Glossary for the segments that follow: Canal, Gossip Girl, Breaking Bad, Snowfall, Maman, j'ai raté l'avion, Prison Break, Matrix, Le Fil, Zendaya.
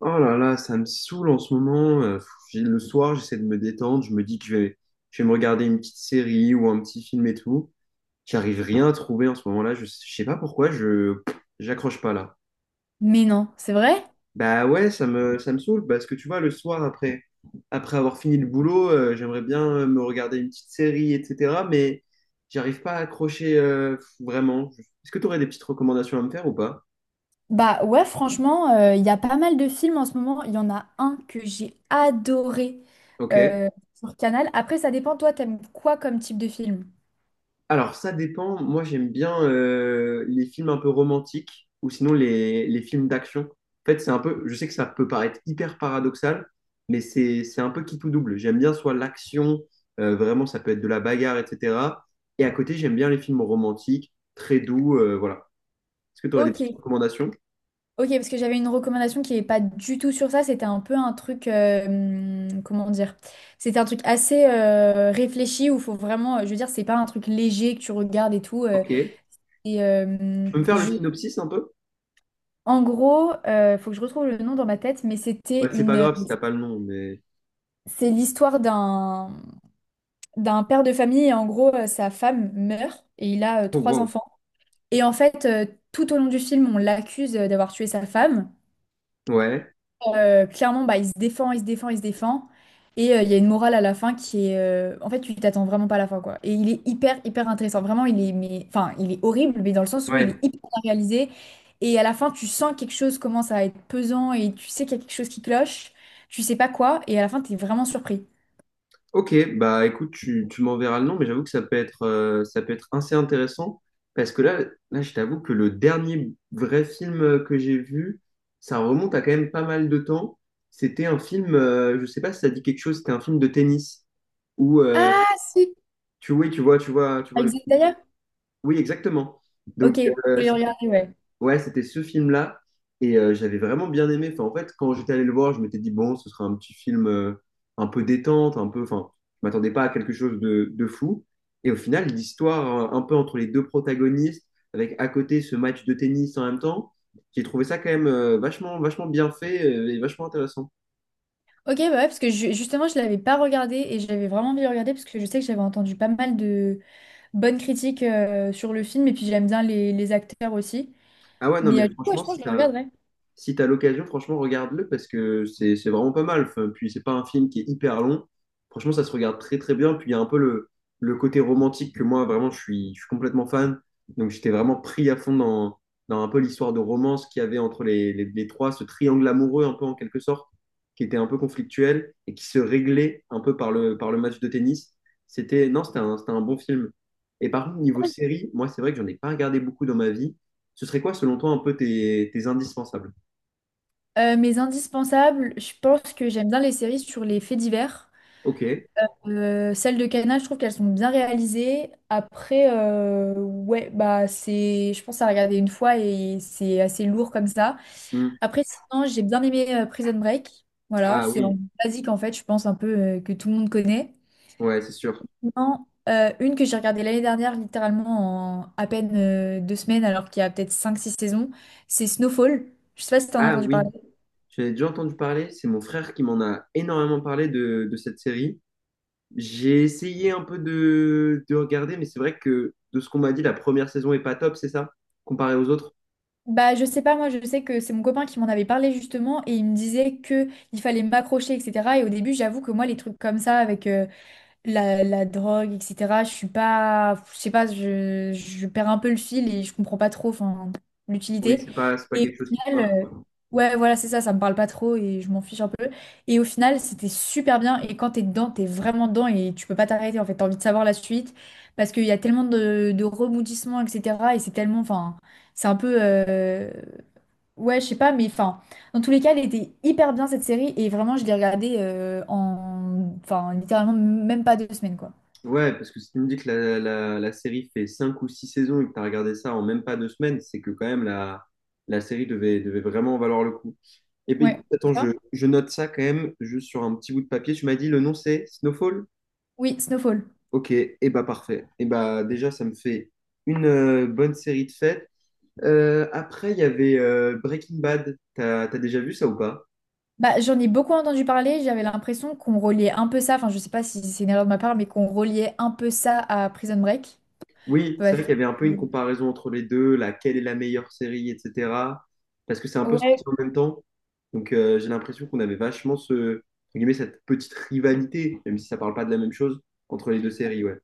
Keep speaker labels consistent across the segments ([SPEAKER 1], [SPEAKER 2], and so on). [SPEAKER 1] Oh là là, ça me saoule en ce moment. Le soir, j'essaie de me détendre. Je me dis que je vais me regarder une petite série ou un petit film et tout. J'arrive rien à trouver en ce moment-là. Je sais pas pourquoi, je j'accroche pas là.
[SPEAKER 2] Mais non, c'est vrai?
[SPEAKER 1] Bah ouais, ça me saoule parce que tu vois, le soir, après avoir fini le boulot, j'aimerais bien me regarder une petite série, etc. Mais j'arrive pas à accrocher vraiment. Est-ce que tu aurais des petites recommandations à me faire ou pas?
[SPEAKER 2] Bah ouais, franchement, il y a pas mal de films en ce moment. Il y en a un que j'ai adoré
[SPEAKER 1] Ok.
[SPEAKER 2] sur Canal. Après, ça dépend, toi, t'aimes quoi comme type de film?
[SPEAKER 1] Alors, ça dépend. Moi, j'aime bien les films un peu romantiques ou sinon les films d'action. En fait, c'est un peu, je sais que ça peut paraître hyper paradoxal, mais c'est un peu qui tout double. J'aime bien soit l'action, vraiment, ça peut être de la bagarre, etc. Et à côté, j'aime bien les films romantiques, très doux, voilà. Est-ce que tu aurais des
[SPEAKER 2] Ok,
[SPEAKER 1] petites recommandations?
[SPEAKER 2] ok, parce que j'avais une recommandation qui n'est pas du tout sur ça. C'était un peu un truc, comment dire? C'était un truc assez réfléchi où faut vraiment, je veux dire, c'est pas un truc léger que tu regardes et tout.
[SPEAKER 1] Ok.
[SPEAKER 2] Et euh,
[SPEAKER 1] Tu
[SPEAKER 2] hmm,
[SPEAKER 1] peux me faire le
[SPEAKER 2] je,
[SPEAKER 1] synopsis un peu?
[SPEAKER 2] En gros, faut que je retrouve le nom dans ma tête, mais
[SPEAKER 1] Ouais, c'est pas grave si t'as pas le nom, mais.
[SPEAKER 2] c'est l'histoire d'un d'un père de famille et en gros, sa femme meurt et il a
[SPEAKER 1] Oh,
[SPEAKER 2] trois
[SPEAKER 1] wow.
[SPEAKER 2] enfants. Et en fait, tout au long du film, on l'accuse d'avoir tué sa femme.
[SPEAKER 1] Ouais.
[SPEAKER 2] Clairement, bah, il se défend, il se défend, il se défend. Et il y a une morale à la fin en fait, tu t'attends vraiment pas à la fin, quoi. Et il est hyper, hyper intéressant. Vraiment, enfin, il est horrible, mais dans le sens où il est
[SPEAKER 1] Ouais.
[SPEAKER 2] hyper bien réalisé. Et à la fin, tu sens quelque chose commence à être pesant et tu sais qu'il y a quelque chose qui cloche. Tu sais pas quoi. Et à la fin, t'es vraiment surpris.
[SPEAKER 1] Ok, bah écoute, tu m'enverras le nom, mais j'avoue que ça peut être assez intéressant parce que là, je t'avoue que le dernier vrai film que j'ai vu, ça remonte à quand même pas mal de temps. C'était un film, je sais pas si ça dit quelque chose, c'était un film de tennis où
[SPEAKER 2] Ah, si!
[SPEAKER 1] oui, tu vois
[SPEAKER 2] Avec
[SPEAKER 1] le film.
[SPEAKER 2] Zendaya?
[SPEAKER 1] Oui, exactement.
[SPEAKER 2] Ok,
[SPEAKER 1] Donc,
[SPEAKER 2] faut
[SPEAKER 1] euh,
[SPEAKER 2] les regarder, ouais.
[SPEAKER 1] ouais, c'était ce film-là. Et j'avais vraiment bien aimé. Enfin, en fait, quand j'étais allé le voir, je m'étais dit, bon, ce sera un petit film un peu détente, un peu. Enfin, je m'attendais pas à quelque chose de fou. Et au final, l'histoire un peu entre les deux protagonistes, avec à côté ce match de tennis en même temps, j'ai trouvé ça quand même vachement, vachement bien fait et vachement intéressant.
[SPEAKER 2] Ok, bah ouais, parce que justement, je l'avais pas regardé et j'avais vraiment envie de le regarder parce que je sais que j'avais entendu pas mal de bonnes critiques sur le film et puis j'aime bien les acteurs aussi.
[SPEAKER 1] Ah ouais, non,
[SPEAKER 2] Mais
[SPEAKER 1] mais
[SPEAKER 2] du coup, ouais, je
[SPEAKER 1] franchement,
[SPEAKER 2] pense que je le regarderai.
[SPEAKER 1] si tu as l'occasion, franchement, regarde-le parce que c'est vraiment pas mal. Enfin, puis, c'est pas un film qui est hyper long. Franchement, ça se regarde très, très bien. Puis, il y a un peu le côté romantique que moi, vraiment, je suis complètement fan. Donc, j'étais vraiment pris à fond dans un peu l'histoire de romance qu'il y avait entre les, trois, ce triangle amoureux, un peu en quelque sorte, qui était un peu conflictuel et qui se réglait un peu par le match de tennis. C'était, non, c'était un bon film. Et par contre, niveau
[SPEAKER 2] Ouais.
[SPEAKER 1] série, moi, c'est vrai que j'en ai pas regardé beaucoup dans ma vie. Ce serait quoi, selon toi, un peu tes, tes indispensables?
[SPEAKER 2] Mes indispensables, je pense que j'aime bien les séries sur les faits divers.
[SPEAKER 1] Ok.
[SPEAKER 2] Celles de Cana, je trouve qu'elles sont bien réalisées. Après, ouais, bah c'est, je pense à regarder une fois et c'est assez lourd comme ça.
[SPEAKER 1] Hmm.
[SPEAKER 2] Après, sinon, j'ai bien aimé Prison Break. Voilà,
[SPEAKER 1] Ah
[SPEAKER 2] c'est en
[SPEAKER 1] oui,
[SPEAKER 2] basique en fait, je pense un peu que tout le monde connaît.
[SPEAKER 1] ouais, c'est sûr.
[SPEAKER 2] Non, une que j'ai regardée l'année dernière, littéralement en à peine 2 semaines, alors qu'il y a peut-être cinq six saisons, c'est Snowfall. Je sais pas si t'en as
[SPEAKER 1] Ah
[SPEAKER 2] entendu parler.
[SPEAKER 1] oui, j'en ai déjà entendu parler. C'est mon frère qui m'en a énormément parlé de cette série. J'ai essayé un peu de regarder, mais c'est vrai que de ce qu'on m'a dit, la première saison est pas top, c'est ça? Comparé aux autres?
[SPEAKER 2] Bah, je sais pas, moi je sais que c'est mon copain qui m'en avait parlé justement et il me disait que il fallait m'accrocher, etc. Et au début, j'avoue que moi, les trucs comme ça, avec, la drogue, etc. Je suis pas, je sais pas, je perds un peu le fil et je comprends pas trop, enfin,
[SPEAKER 1] Oui,
[SPEAKER 2] l'utilité.
[SPEAKER 1] c'est pas
[SPEAKER 2] Et
[SPEAKER 1] quelque chose
[SPEAKER 2] au
[SPEAKER 1] qui te
[SPEAKER 2] final,
[SPEAKER 1] marque, quoi.
[SPEAKER 2] ouais, voilà, c'est ça, ça me parle pas trop et je m'en fiche un peu. Et au final, c'était super bien. Et quand t'es dedans, t'es vraiment dedans et tu peux pas t'arrêter. En fait, t'as envie de savoir la suite parce qu'il y a tellement de rebondissements, etc. Et c'est tellement, enfin, c'est un peu, ouais, je sais pas, mais enfin. Dans tous les cas, elle était hyper bien cette série et vraiment, je l'ai regardée enfin, littéralement même pas 2 semaines, quoi.
[SPEAKER 1] Ouais, parce que si tu me dis que la série fait 5 ou 6 saisons et que tu as regardé ça en même pas 2 semaines, c'est que quand même la série devait vraiment valoir le coup. Eh bien,
[SPEAKER 2] Ouais.
[SPEAKER 1] écoute,
[SPEAKER 2] Et
[SPEAKER 1] attends, je,
[SPEAKER 2] toi.
[SPEAKER 1] je note ça quand même, juste sur un petit bout de papier. Tu m'as dit le nom c'est Snowfall?
[SPEAKER 2] Oui, Snowfall.
[SPEAKER 1] Ok, et eh bah parfait. Et bah déjà, ça me fait une bonne série de fêtes. Après, il y avait Breaking Bad. T'as déjà vu ça ou pas?
[SPEAKER 2] Bah, j'en ai beaucoup entendu parler, j'avais l'impression qu'on reliait un peu ça, enfin je sais pas si c'est une erreur de ma part, mais qu'on reliait un peu ça à Prison Break.
[SPEAKER 1] Oui, c'est
[SPEAKER 2] Ouais.
[SPEAKER 1] vrai qu'il y avait un peu une comparaison entre les deux, laquelle est la meilleure série, etc. Parce que c'est un peu sorti
[SPEAKER 2] Ouais.
[SPEAKER 1] en même temps. Donc j'ai l'impression qu'on avait vachement entre guillemets, cette petite rivalité, même si ça parle pas de la même chose, entre les deux séries, ouais.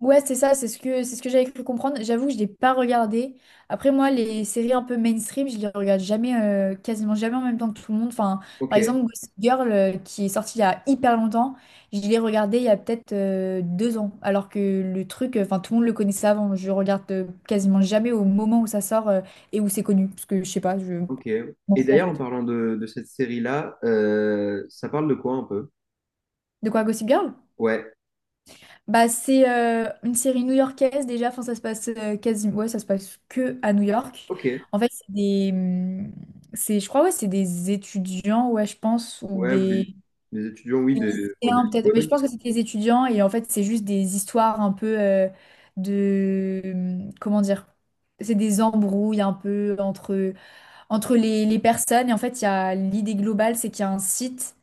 [SPEAKER 2] Ouais, c'est ça, c'est ce que j'avais cru comprendre. J'avoue que je l'ai pas regardé. Après, moi, les séries un peu mainstream, je les regarde jamais, quasiment jamais en même temps que tout le monde. Enfin, par exemple,
[SPEAKER 1] Ok.
[SPEAKER 2] Gossip Girl, qui est sorti il y a hyper longtemps, je l'ai regardé il y a peut-être 2 ans. Alors que le truc, enfin, tout le monde le connaissait avant. Je regarde quasiment jamais au moment où ça sort et où c'est connu. Parce que je sais pas, je
[SPEAKER 1] Ok.
[SPEAKER 2] m'en
[SPEAKER 1] Et
[SPEAKER 2] fous en
[SPEAKER 1] d'ailleurs, en
[SPEAKER 2] fait.
[SPEAKER 1] parlant de cette série-là, ça parle de quoi un peu?
[SPEAKER 2] De quoi, Gossip Girl?
[SPEAKER 1] Ouais,
[SPEAKER 2] Bah, c'est une série new-yorkaise déjà, enfin, ça se passe ouais, ça se passe que à New York.
[SPEAKER 1] ok.
[SPEAKER 2] En fait, c'est, je crois, ouais, c'est des étudiants, ouais, je pense, ou
[SPEAKER 1] Ouais,
[SPEAKER 2] des,
[SPEAKER 1] des étudiants, oui,
[SPEAKER 2] des lycéens peut-être, mais
[SPEAKER 1] ouais.
[SPEAKER 2] je pense que c'est des étudiants et en fait, c'est juste des histoires un peu comment dire? C'est des embrouilles un peu entre les personnes. Et en fait, il y a l'idée globale, c'est qu'il y a un site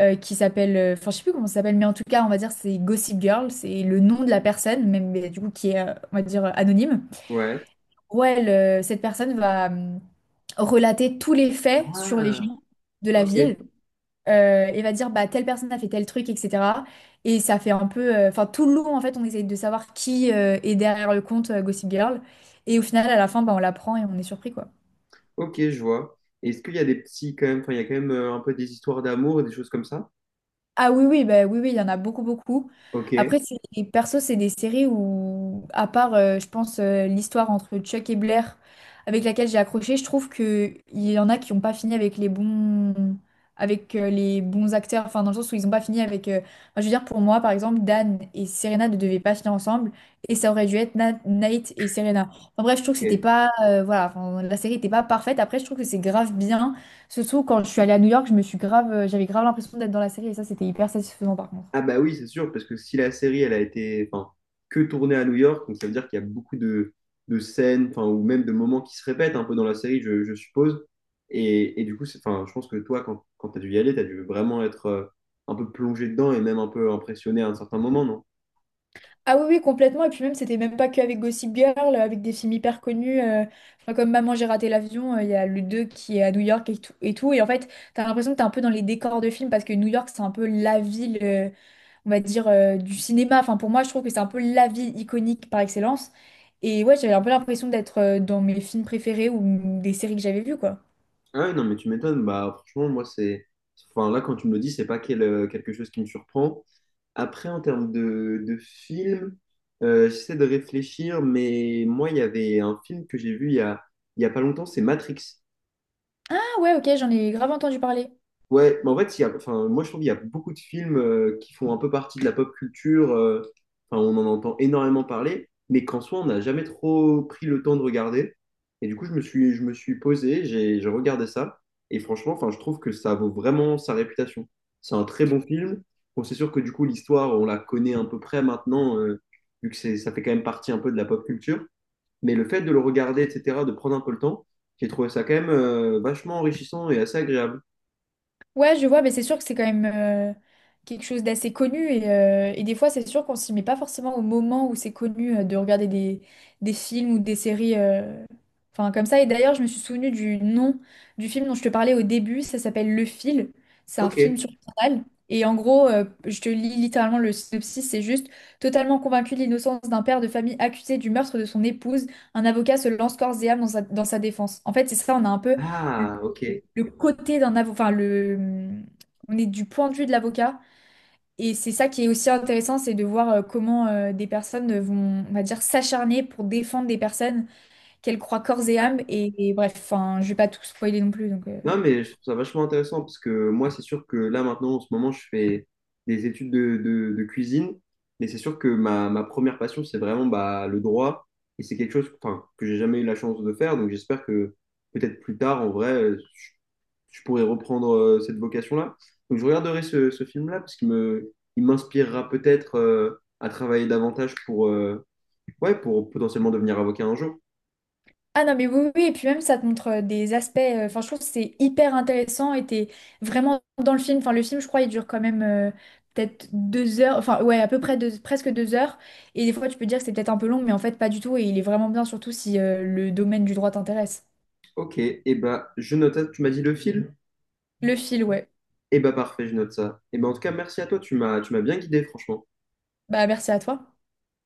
[SPEAKER 2] qui s'appelle, enfin, je sais plus comment ça s'appelle, mais en tout cas, on va dire c'est Gossip Girl, c'est le nom de la personne, même mais du coup qui est, on va dire, anonyme.
[SPEAKER 1] Ouais.
[SPEAKER 2] Ouais, elle, cette personne va relater tous les faits sur les
[SPEAKER 1] Ah,
[SPEAKER 2] gens de la
[SPEAKER 1] ok,
[SPEAKER 2] ville et va dire bah telle personne a fait tel truc, etc. Et ça fait un peu, enfin tout le long en fait, on essaye de savoir qui est derrière le compte Gossip Girl. Et au final, à la fin, bah, on l'apprend et on est surpris quoi.
[SPEAKER 1] ok, je vois. Est-ce qu'il y a des petits, quand même, enfin, il y a quand même un peu des histoires d'amour, et des choses comme ça?
[SPEAKER 2] Ah oui, oui, bah, oui, oui, il y en a beaucoup, beaucoup.
[SPEAKER 1] Ok,
[SPEAKER 2] Après, c'est, et perso, c'est des séries où, à part, je pense, l'histoire entre Chuck et Blair, avec laquelle j'ai accroché, je trouve que il y en a qui n'ont pas fini avec les bons acteurs, enfin, dans le sens où ils n'ont pas fini. Enfin, je veux dire, pour moi, par exemple, Dan et Serena ne devaient pas finir ensemble, et ça aurait dû être Nate et Serena. En bref, je trouve que c'était
[SPEAKER 1] ok.
[SPEAKER 2] pas... voilà, enfin, la série n'était pas parfaite. Après, je trouve que c'est grave bien. Surtout quand je suis allée à New York, je me suis grave, j'avais grave l'impression d'être dans la série et ça, c'était hyper satisfaisant par contre.
[SPEAKER 1] Ah bah oui, c'est sûr, parce que si la série, elle a été enfin, que tournée à New York, donc ça veut dire qu'il y a beaucoup de scènes, enfin, ou même de moments qui se répètent un peu dans la série, je suppose. Et du coup, enfin, je pense que toi, quand, quand tu as dû y aller, tu as dû vraiment être un peu plongé dedans et même un peu impressionné à un certain moment, non?
[SPEAKER 2] Ah oui, oui, complètement. Et puis même, c'était même pas qu'avec Gossip Girl, avec des films hyper connus, enfin, comme Maman, j'ai raté l'avion, il y a le 2 qui est à New York et tout. Et, tout. Et en fait, t'as l'impression que t'es un peu dans les décors de films parce que New York, c'est un peu la ville, on va dire, du cinéma. Enfin, pour moi, je trouve que c'est un peu la ville iconique par excellence. Et ouais, j'avais un peu l'impression d'être dans mes films préférés ou des séries que j'avais vues, quoi.
[SPEAKER 1] Ah ouais, non, mais tu m'étonnes. Bah, franchement, moi, c'est. Enfin, là, quand tu me le dis, c'est pas quelque chose qui me surprend. Après, en termes de film, j'essaie de réfléchir, mais moi, il y avait un film que j'ai vu il y a pas longtemps, c'est Matrix.
[SPEAKER 2] Ah ouais, ok, j'en ai grave entendu parler.
[SPEAKER 1] Ouais, mais en fait, il y a, enfin, moi je trouve qu'il y a beaucoup de films qui font un peu partie de la pop culture, enfin, on en entend énormément parler, mais qu'en soi, on n'a jamais trop pris le temps de regarder. Et du coup, je me suis posé, j'ai regardé ça, et franchement, enfin, je trouve que ça vaut vraiment sa réputation. C'est un très bon film. Bon, c'est sûr que du coup, l'histoire, on la connaît à peu près maintenant, vu que ça fait quand même partie un peu de la pop culture, mais le fait de le regarder, etc., de prendre un peu le temps, j'ai trouvé ça quand même vachement enrichissant et assez agréable.
[SPEAKER 2] Ouais, je vois, mais c'est sûr que c'est quand même quelque chose d'assez connu et des fois c'est sûr qu'on s'y met pas forcément au moment où c'est connu de regarder des films ou des séries enfin comme ça. Et d'ailleurs je me suis souvenue du nom du film dont je te parlais au début, ça s'appelle Le Fil. C'est un
[SPEAKER 1] Ok.
[SPEAKER 2] film sur Canal. Et en gros, je te lis littéralement le synopsis, c'est juste totalement convaincu de l'innocence d'un père de famille accusé du meurtre de son épouse, un avocat se lance corps et âme dans sa défense. En fait, c'est ça, on a un peu
[SPEAKER 1] Ah, ok.
[SPEAKER 2] le côté d'un avocat, enfin le, on est du point de vue de l'avocat. Et c'est ça qui est aussi intéressant, c'est de voir comment des personnes vont, on va dire, s'acharner pour défendre des personnes qu'elles croient corps et âme. Et bref, enfin, je vais pas tout spoiler non plus, donc.
[SPEAKER 1] Non, mais je trouve ça vachement intéressant parce que moi, c'est sûr que là, maintenant, en ce moment, je fais des études de cuisine, mais c'est sûr que ma première passion, c'est vraiment bah, le droit et c'est quelque chose enfin, que j'ai jamais eu la chance de faire. Donc, j'espère que peut-être plus tard, en vrai, je pourrais reprendre cette vocation-là. Donc, je regarderai ce film-là parce qu'il m'inspirera peut-être à travailler davantage pour, ouais, pour potentiellement devenir avocat un jour.
[SPEAKER 2] Ah non, mais oui, oui, et puis même ça te montre des aspects, enfin je trouve que c'est hyper intéressant et t'es vraiment dans le film, enfin le film je crois il dure quand même peut-être 2 heures, enfin ouais à peu près presque 2 heures et des fois tu peux dire que c'est peut-être un peu long mais en fait pas du tout et il est vraiment bien surtout si le domaine du droit t'intéresse.
[SPEAKER 1] Ok, et bah, je note, tu m'as dit le film?
[SPEAKER 2] Le fil, ouais.
[SPEAKER 1] Eh ben parfait, je note ça. Eh ben en tout cas, merci à toi, tu m'as bien guidé, franchement.
[SPEAKER 2] Bah merci à toi.